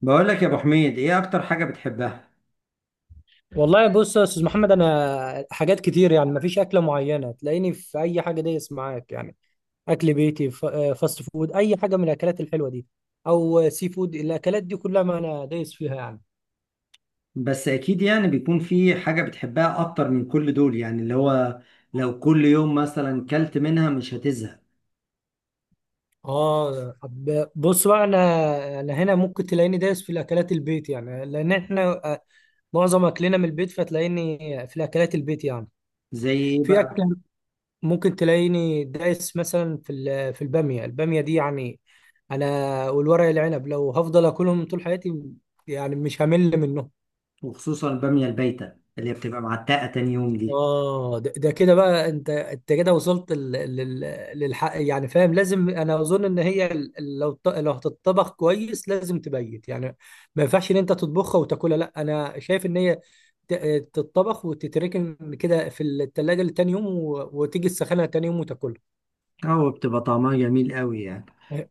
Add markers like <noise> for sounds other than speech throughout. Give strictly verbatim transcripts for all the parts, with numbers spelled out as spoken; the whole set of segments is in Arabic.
بقول لك يا ابو حميد، ايه اكتر حاجة بتحبها؟ والله، بص يا استاذ محمد، انا حاجات كتير يعني مفيش اكله معينه، تلاقيني في اي حاجه دايس معاك يعني اكل بيتي، ف- آه، فاست فود، اي حاجه من الاكلات الحلوه دي، او سي فود، الاكلات دي كلها ما انا دايس فيها يعني. بس اكيد يعني بيكون في حاجة بتحبها اكتر من كل دول، يعني اللي هو لو كل يوم مثلا كلت منها مش هتزهق. اه، طب بص بقى، انا انا هنا ممكن تلاقيني دايس في الاكلات البيت، يعني لان احنا آه، معظم اكلنا من البيت، فتلاقيني في الاكلات البيت يعني، زي ايه في بقى؟ اكله ممكن تلاقيني دايس مثلا في ال- في الباميه الباميه دي يعني. انا والورق العنب لو هفضل اكلهم طول حياتي، يعني مش همل منهم. وخصوصا البامية البايتة اللي هي بتبقى معتقة تاني يوم دي، اه، ده, ده كده بقى، انت انت كده وصلت لل- لل- للحق، يعني فاهم، لازم انا اظن ان هي، ال- ال- لو ط- لو هتطبخ كويس لازم تبيت يعني. ما ينفعش ان انت تطبخها وتاكلها، لا انا شايف ان هي ت- تتطبخ وتتركن كده في التلاجة لتاني يوم، و- وتيجي تسخنها تاني يوم وتاكلها. او بتبقى طعمها جميل قوي يعني.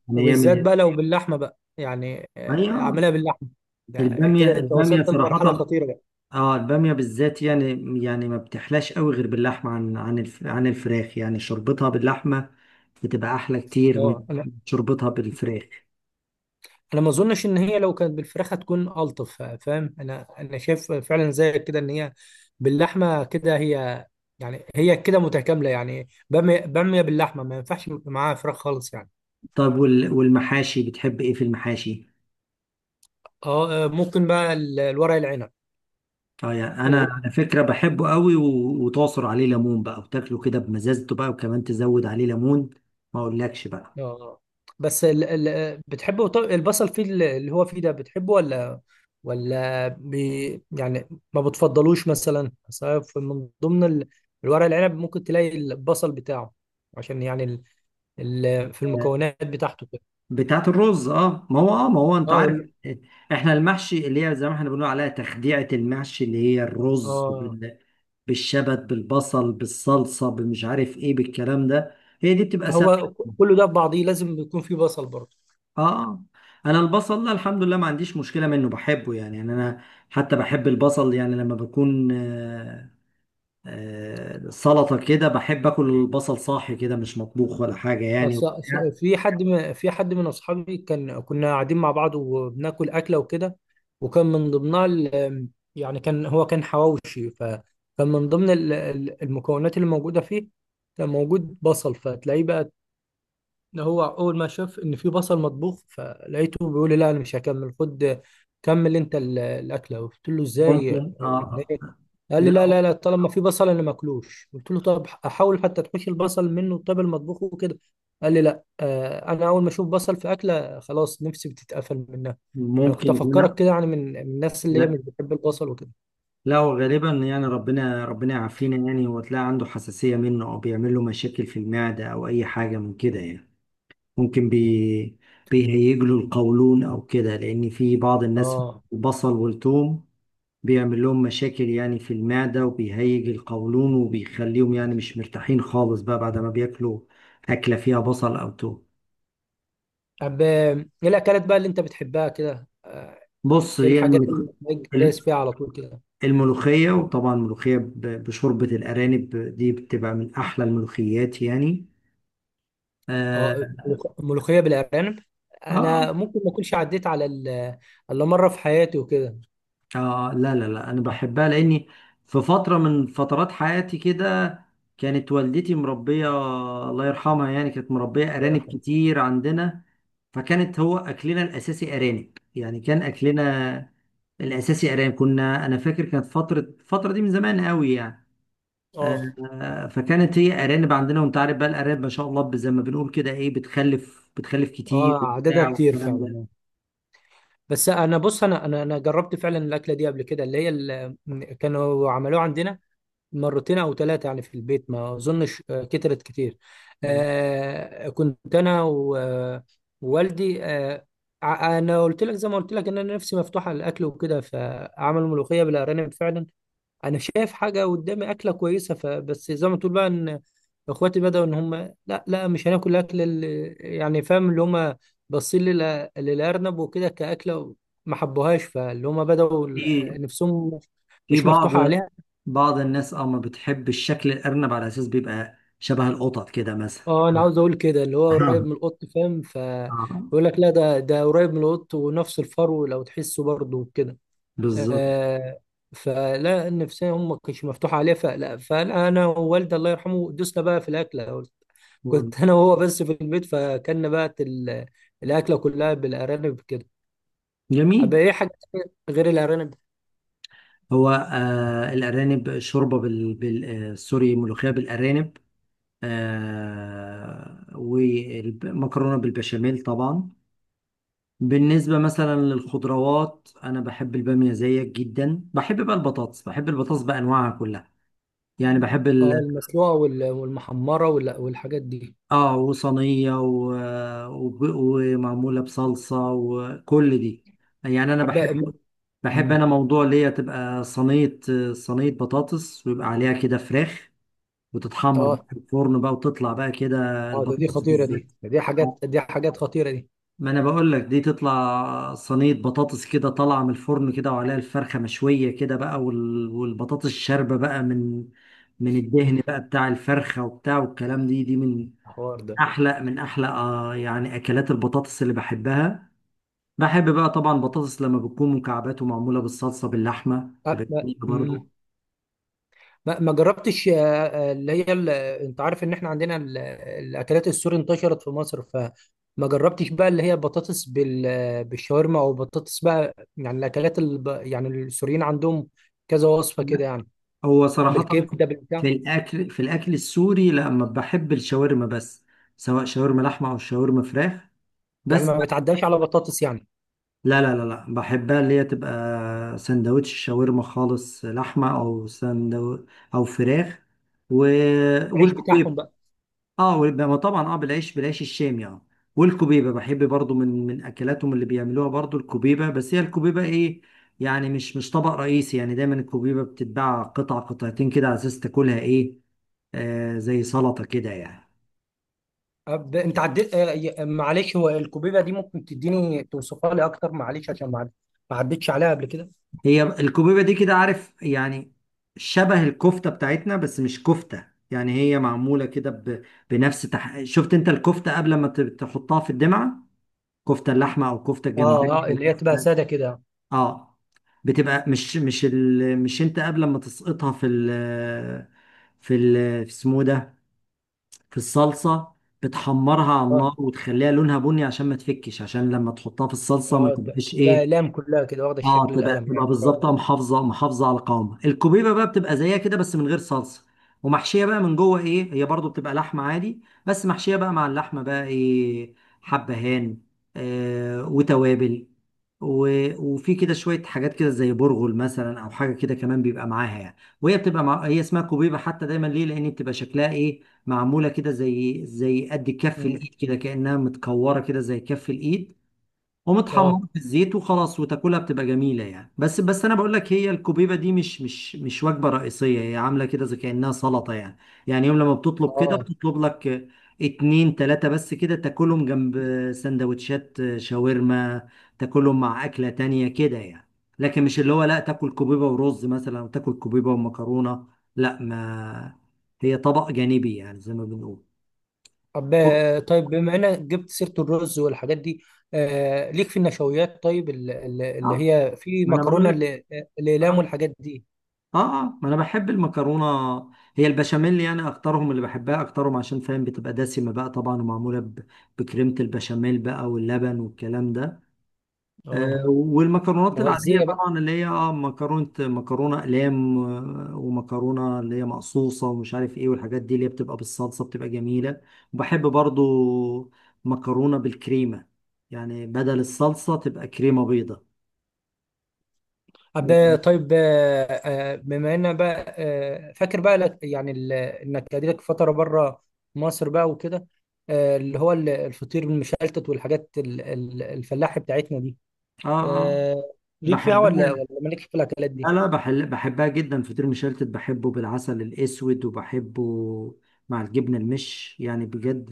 يعني هي من وبالذات ال... بقى لو باللحمه بقى يعني، هي، آه، آه، اعملها باللحمه، ده البامية كده انت البامية وصلت لمرحله صراحة. خطيره بقى. اه، البامية بالذات يعني. يعني ما بتحلاش قوي غير باللحمة، عن عن الف... عن الفراخ، يعني شربتها باللحمة بتبقى احلى كتير من اه، انا شربتها بالفراخ. انا ما اظنش ان هي لو كانت بالفراخ هتكون الطف، فاهم، انا انا شايف فعلا زي كده ان هي باللحمه كده، هي يعني هي كده متكامله، يعني باميه باميه باللحمه ما ينفعش معاها فراخ خالص يعني. طب وال- والمحاشي، بتحب ايه في المحاشي؟ اه، آه، ممكن بقى ال- الورق العنب. اه، يعني انا و- على فكره بحبه قوي، و- وتعصر عليه ليمون بقى وتاكله كده بمزازته بقى، وكمان تزود عليه ليمون ما اقولكش بقى. اه، بس ال... ال... بتحبه؟ طب البصل فيه ال- اللي هو فيه ده، بتحبه ولا ولا بي... يعني ما بتفضلوش؟ مثلا أصل في- من ضمن ال... الورق العنب ممكن تلاقي البصل بتاعه، عشان يعني ال... ال... في المكونات بتاعته كده. بتاعت الرز، اه ما هو، اه ما هو انت اه عارف ال- احنا المحشي اللي هي زي ما احنا بنقول عليها تخديعة المحشي، اللي هي الرز اه، بال- بالشبت بالبصل بالصلصة بالمش عارف ايه بالكلام ده. هي دي بتبقى سهلة. هو كله ده في بعضيه لازم يكون فيه بصل برضه. اه، انا البصل لا الحمد لله ما عنديش مشكله منه، بحبه يعني يعني انا حتى بحب البصل، يعني لما بكون آه، آه، سلطه كده بحب اكل البصل صاحي كده، مش مطبوخ ولا حاجه يعني أص- وبتاع. أص- في حد م- في حد من اصحابي، كان كنا قاعدين مع بعض وبناكل اكله وكده، وكان من ضمنها ال- يعني كان، هو كان حواوشي، فكان من ضمن ال- ال- المكونات اللي موجوده فيه كان موجود بصل، فتلاقيه بقى ده، هو اول ما شاف ان في بصل مطبوخ فلقيته بيقول لي لا انا مش هكمل، خد كمل انت ال- الاكله. قلت له ازاي؟ ممكن، يعني اه. إيه؟ قال لي لا لا. لا لا، طالما في بصل انا ماكلوش. قلت له طب احاول حتى تحوش البصل منه، طب المطبوخ وكده. قال لي لا، آه، انا اول ما اشوف بصل في اكله خلاص نفسي بتتقفل منها. انا كنت ممكن افكرك يكون. كده، يعني من من الناس اللي هي لا، مش بتحب البصل وكده. لا، هو غالبا يعني ربنا ربنا يعافينا، يعني هو تلاقي عنده حساسيه منه، او بيعمل له مشاكل في المعده، او اي حاجه من كده يعني. ممكن بي بيهيج له القولون او كده، لان في بعض الناس اه، البصل والثوم بيعمل لهم مشاكل يعني في المعدة، وبيهيج القولون، وبيخليهم يعني مش مرتاحين خالص بقى بعد ما بياكلوا أكلة فيها بصل أو توم. طب آه، ايه الاكلات بقى اللي انت بتحبها كده؟ بص، ايه هي الحاجات الملوخ- اللي دايس فيها على طول كده؟ الملوخية وطبعا الملوخية ب- بشوربة الأرانب دي بتبقى من أحلى الملوخيات يعني. اه، آه, ملوخ- ملوخيه بالارانب، آه انا ممكن ما اكونش عديت على ال- الا مره في حياتي وكده. اه، لا لا لا، انا بحبها لاني في فتره من فترات حياتي كده كانت والدتي مربيه، الله يرحمها. يعني كانت مربيه الله ارانب يرحمه. كتير عندنا، فكانت هو اكلنا الاساسي ارانب. يعني كان اكلنا الاساسي ارانب، كنا انا فاكر كانت فتره، الفتره دي من زمان قوي يعني. اه. آه، فكانت هي ارانب عندنا. وانت عارف بقى الارانب ما شاء الله، زي ما بنقول كده، ايه، بتخلف بتخلف كتير اه، عددها بتاع كتير والكلام ده. فعلا. بس انا بص، انا انا انا جربت فعلا الاكله دي قبل كده، اللي هي ال- كانوا عملوها عندنا مرتين او ثلاثه يعني في البيت، ما اظنش آه، كترت كتير. آه، آه كنت انا و- ووالدي، آه ع- انا قلت لك زي ما قلت لك ان انا نفسي مفتوحه للاكل وكده، فعملوا ملوخيه بالارانب فعلا. انا شايف حاجه قدامي اكله كويسه، فبس زي ما تقول بقى ان اخواتي بداوا ان هم لا لا، مش هناكل الاكل، اللي يعني فاهم، اللي هم باصين للأ- للارنب وكده كاكله، ما حبوهاش، فاللي هم بداوا في ال- نفسهم في مش بعض مفتوحه عليها. بعض الناس اه ما بتحب الشكل الأرنب، على أساس بيبقى شبه القطط كده مثلا. اه، انا <laughs> عاوز اقول كده اللي هو قريب آه. من القط، فاهم، آه. فيقول لك لا ده ده قريب من القط، ونفس الفرو لو تحسه برضه وكده. بالظبط. آه. فلا، النفسيه هم مش مفتوحه عليها فلا، فانا ووالدي الله يرحمه دوسنا بقى في الاكله، مم. كنت انا وهو بس في البيت، فكنا بقى ال- الاكله كلها بالارانب كده. طب جميل. ايه حاجه تانية غير الارانب؟ هو آه الأرانب شوربة بال, بال آه سوري، ملوخية بالأرانب. آه والمكرونة بالبشاميل طبعا. بالنسبة مثلا للخضروات أنا بحب البامية زيك جدا. بحب بقى البطاطس بحب البطاطس بأنواعها كلها. يعني بحب اه، ال- المسلوقه وال- والمحمره وال- والحاجات دي. اه وصينية، و... وب- ومعمولة بصلصة، وكل دي. يعني انا طب بقى- بحب بحب أمم. انا موضوع اللي هي تبقى صينية صينية بطاطس ويبقى عليها كده فراخ، وتتحمر بقى اه في الفرن بقى، وتطلع بقى كده اه ده دي البطاطس خطيره، دي بالذات. ده دي حاجات، آه. دي حاجات خطيره دي. ما انا بقول لك، دي تطلع صينية بطاطس كده طالعة من الفرن كده، وعليها الفرخة مشوية كده بقى، وال... والبطاطس شاربة بقى من من أمم. الدهن بقى بتاع الفرخة وبتاع والكلام دي دي من الحوار ده. احلى من احلى، آه يعني اكلات البطاطس اللي بحبها. بحب بقى طبعا بطاطس لما بتكون مكعبات ومعموله بالصلصه باللحمه، تبقى أه، لا. جميله أمم. برضو. ما ما جربتش آه، آه، اللي هي ال- انت عارف ان احنا عندنا ال- الاكلات السوري انتشرت في مصر، فما جربتش بقى اللي هي بطاطس بال- بالشاورما، او بطاطس بقى، يعني الاكلات الب... يعني السوريين عندهم كذا وصفة كده يعني، هو صراحه بالكبدة في بالبتاع. الاكل في الاكل السوري، لما بحب الشاورما بس. سواء شاورما لحمه او شاورما فراخ، يعني بس ما بحب. بتعداش على بطاطس يعني؟ لا لا لا لا، بحبها اللي هي تبقى سندوتش شاورما خالص، لحمه او سندو او فراخ. و... العيش والكوبيبه بتاعهم بقى. اه والب- ما طبعا، اه، بالعيش بالعيش الشامي. اه، والكبيبه بحب برضو من من اكلاتهم اللي بيعملوها برضو الكبيبه. بس هي الكبيبه ايه؟ يعني مش مش طبق رئيسي، يعني دايما الكبيبه بتتباع قطع قطعتين كده على اساس تاكلها ايه؟ آه، زي سلطه كده يعني. أب... انت عديت آه، ي- معلش، هو الكوبيبة دي ممكن تديني توصفها لي اكتر؟ معلش، عشان ما عد- ما عدتش عليها قبل كده. هي الكبيبه دي كده عارف يعني شبه الكفته بتاعتنا، بس مش كفته. يعني هي معموله كده ب- بنفس تح... شفت انت الكفته قبل ما ت- تحطها في الدمعه، كفته اللحمه او كفته اه الجمبري. اه اللي هي تبقى سادة كده. اه، بتبقى مش مش ال... مش انت قبل ما تسقطها في ال... في ال... في اسمه إيه ده، في الصلصه، بتحمرها على اه النار وتخليها لونها بني عشان ما تفكش، عشان لما تحطها في الصلصه ما اه ت- تبقاش تبقى ايه. اقلام كلها كده، واخده اه، الشكل تبقى القلم تبقى يعني. طيب. بالظبط، آه، محافظه محافظه على قوامها. الكوبيبه بقى بتبقى زيها كده بس من غير صلصه، ومحشيه بقى من جوه ايه، هي برضو بتبقى لحمه عادي بس محشيه بقى مع اللحمه بقى ايه، حبهان، آه، وتوابل، و... وفي كده شويه حاجات كده زي برغل مثلا، او حاجه كده كمان بيبقى معاها يعني. وهي بتبقى مع... هي اسمها كوبيبه حتى دايما ليه، لان بتبقى شكلها ايه، معموله كده زي زي قد كف مم. الايد كده، كانها متكوره كده زي كف الايد، ومتحمر اه في الزيت وخلاص وتاكلها بتبقى جميله يعني. بس بس انا بقول لك، هي الكوبيبه دي مش مش مش وجبه رئيسيه، هي عامله كده زي كانها سلطه يعني. يعني يوم لما بتطلب كده اه بتطلب لك اتنين تلاته بس كده، تاكلهم جنب سندوتشات شاورما، تاكلهم مع اكله تانية كده يعني. لكن مش اللي هو لا تاكل كوبيبه ورز مثلا، او تاكل كوبيبه ومكرونه. لا، ما هي طبق جانبي يعني زي ما بنقول. طب أوه. آه، طيب بما انك جبت سيره الرز والحاجات دي، آه ليك في النشويات؟ طيب ال- ال- اللي هي في ما انا بقول مكرونه لك. ال- الاقلام والحاجات دي. اه آه، ما انا بحب المكرونه. هي البشاميل يعني اكترهم اللي بحبها اكترهم عشان فاهم بتبقى دسمه بقى طبعا، ومعموله ب- بكريمه البشاميل بقى واللبن والكلام ده. آه اه، والمكرونات العاديه مغذيه بقى. طبعا، اللي هي اه مكرونه مكرونه اقلام، آه، ومكرونه اللي هي مقصوصه ومش عارف ايه، والحاجات دي اللي هي بتبقى بالصلصه بتبقى جميله. وبحب برضو مكرونه بالكريمه، يعني بدل الصلصه تبقى كريمه بيضه طب آه، يعني. طيب آه آه، بما ان بقى آه فاكر بقى لك يعني ال- انك قعدتك فتره بره مصر بقى وكده، آه اللي هو ال- الفطير المشلتت والحاجات ال- ال- الفلاحي بتاعتنا دي، اه، اه، آه، ليك فيها ولا بحبها. ولا مالك في الاكلات لا دي؟ لا، بحل بحبها جدا. فطير مشلتت بحبه بالعسل الأسود، وبحبه مع الجبنة المش يعني، بجد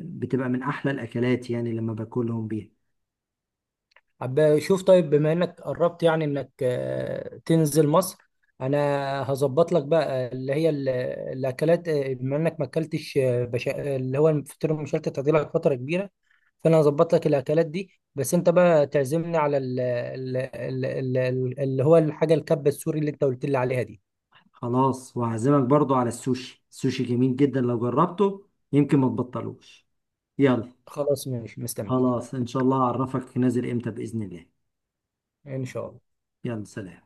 بتبقى من أحلى الأكلات يعني لما باكلهم بيها. عب شوف، طيب بما انك قربت يعني انك آه، تنزل مصر، انا هظبط لك بقى آه، اللي هي ال- الاكلات، آه، بما انك ما اكلتش آه، بشا... اللي هو الفطير المشلتت هتجيلك فتره كبيره، فانا هظبط لك الاكلات دي، بس انت بقى تعزمني على ال... ال... ال... ال... اللي هو الحاجه الكبه السوري اللي انت قلت لي عليها دي. خلاص وهعزمك برضو على السوشي. السوشي جميل جدا، لو جربته يمكن ما تبطلوش. يلا. خلاص ماشي، مستنيك. خلاص، إن شاء الله أعرفك نازل إمتى بإذن الله. ان شاء الله. يلا سلام.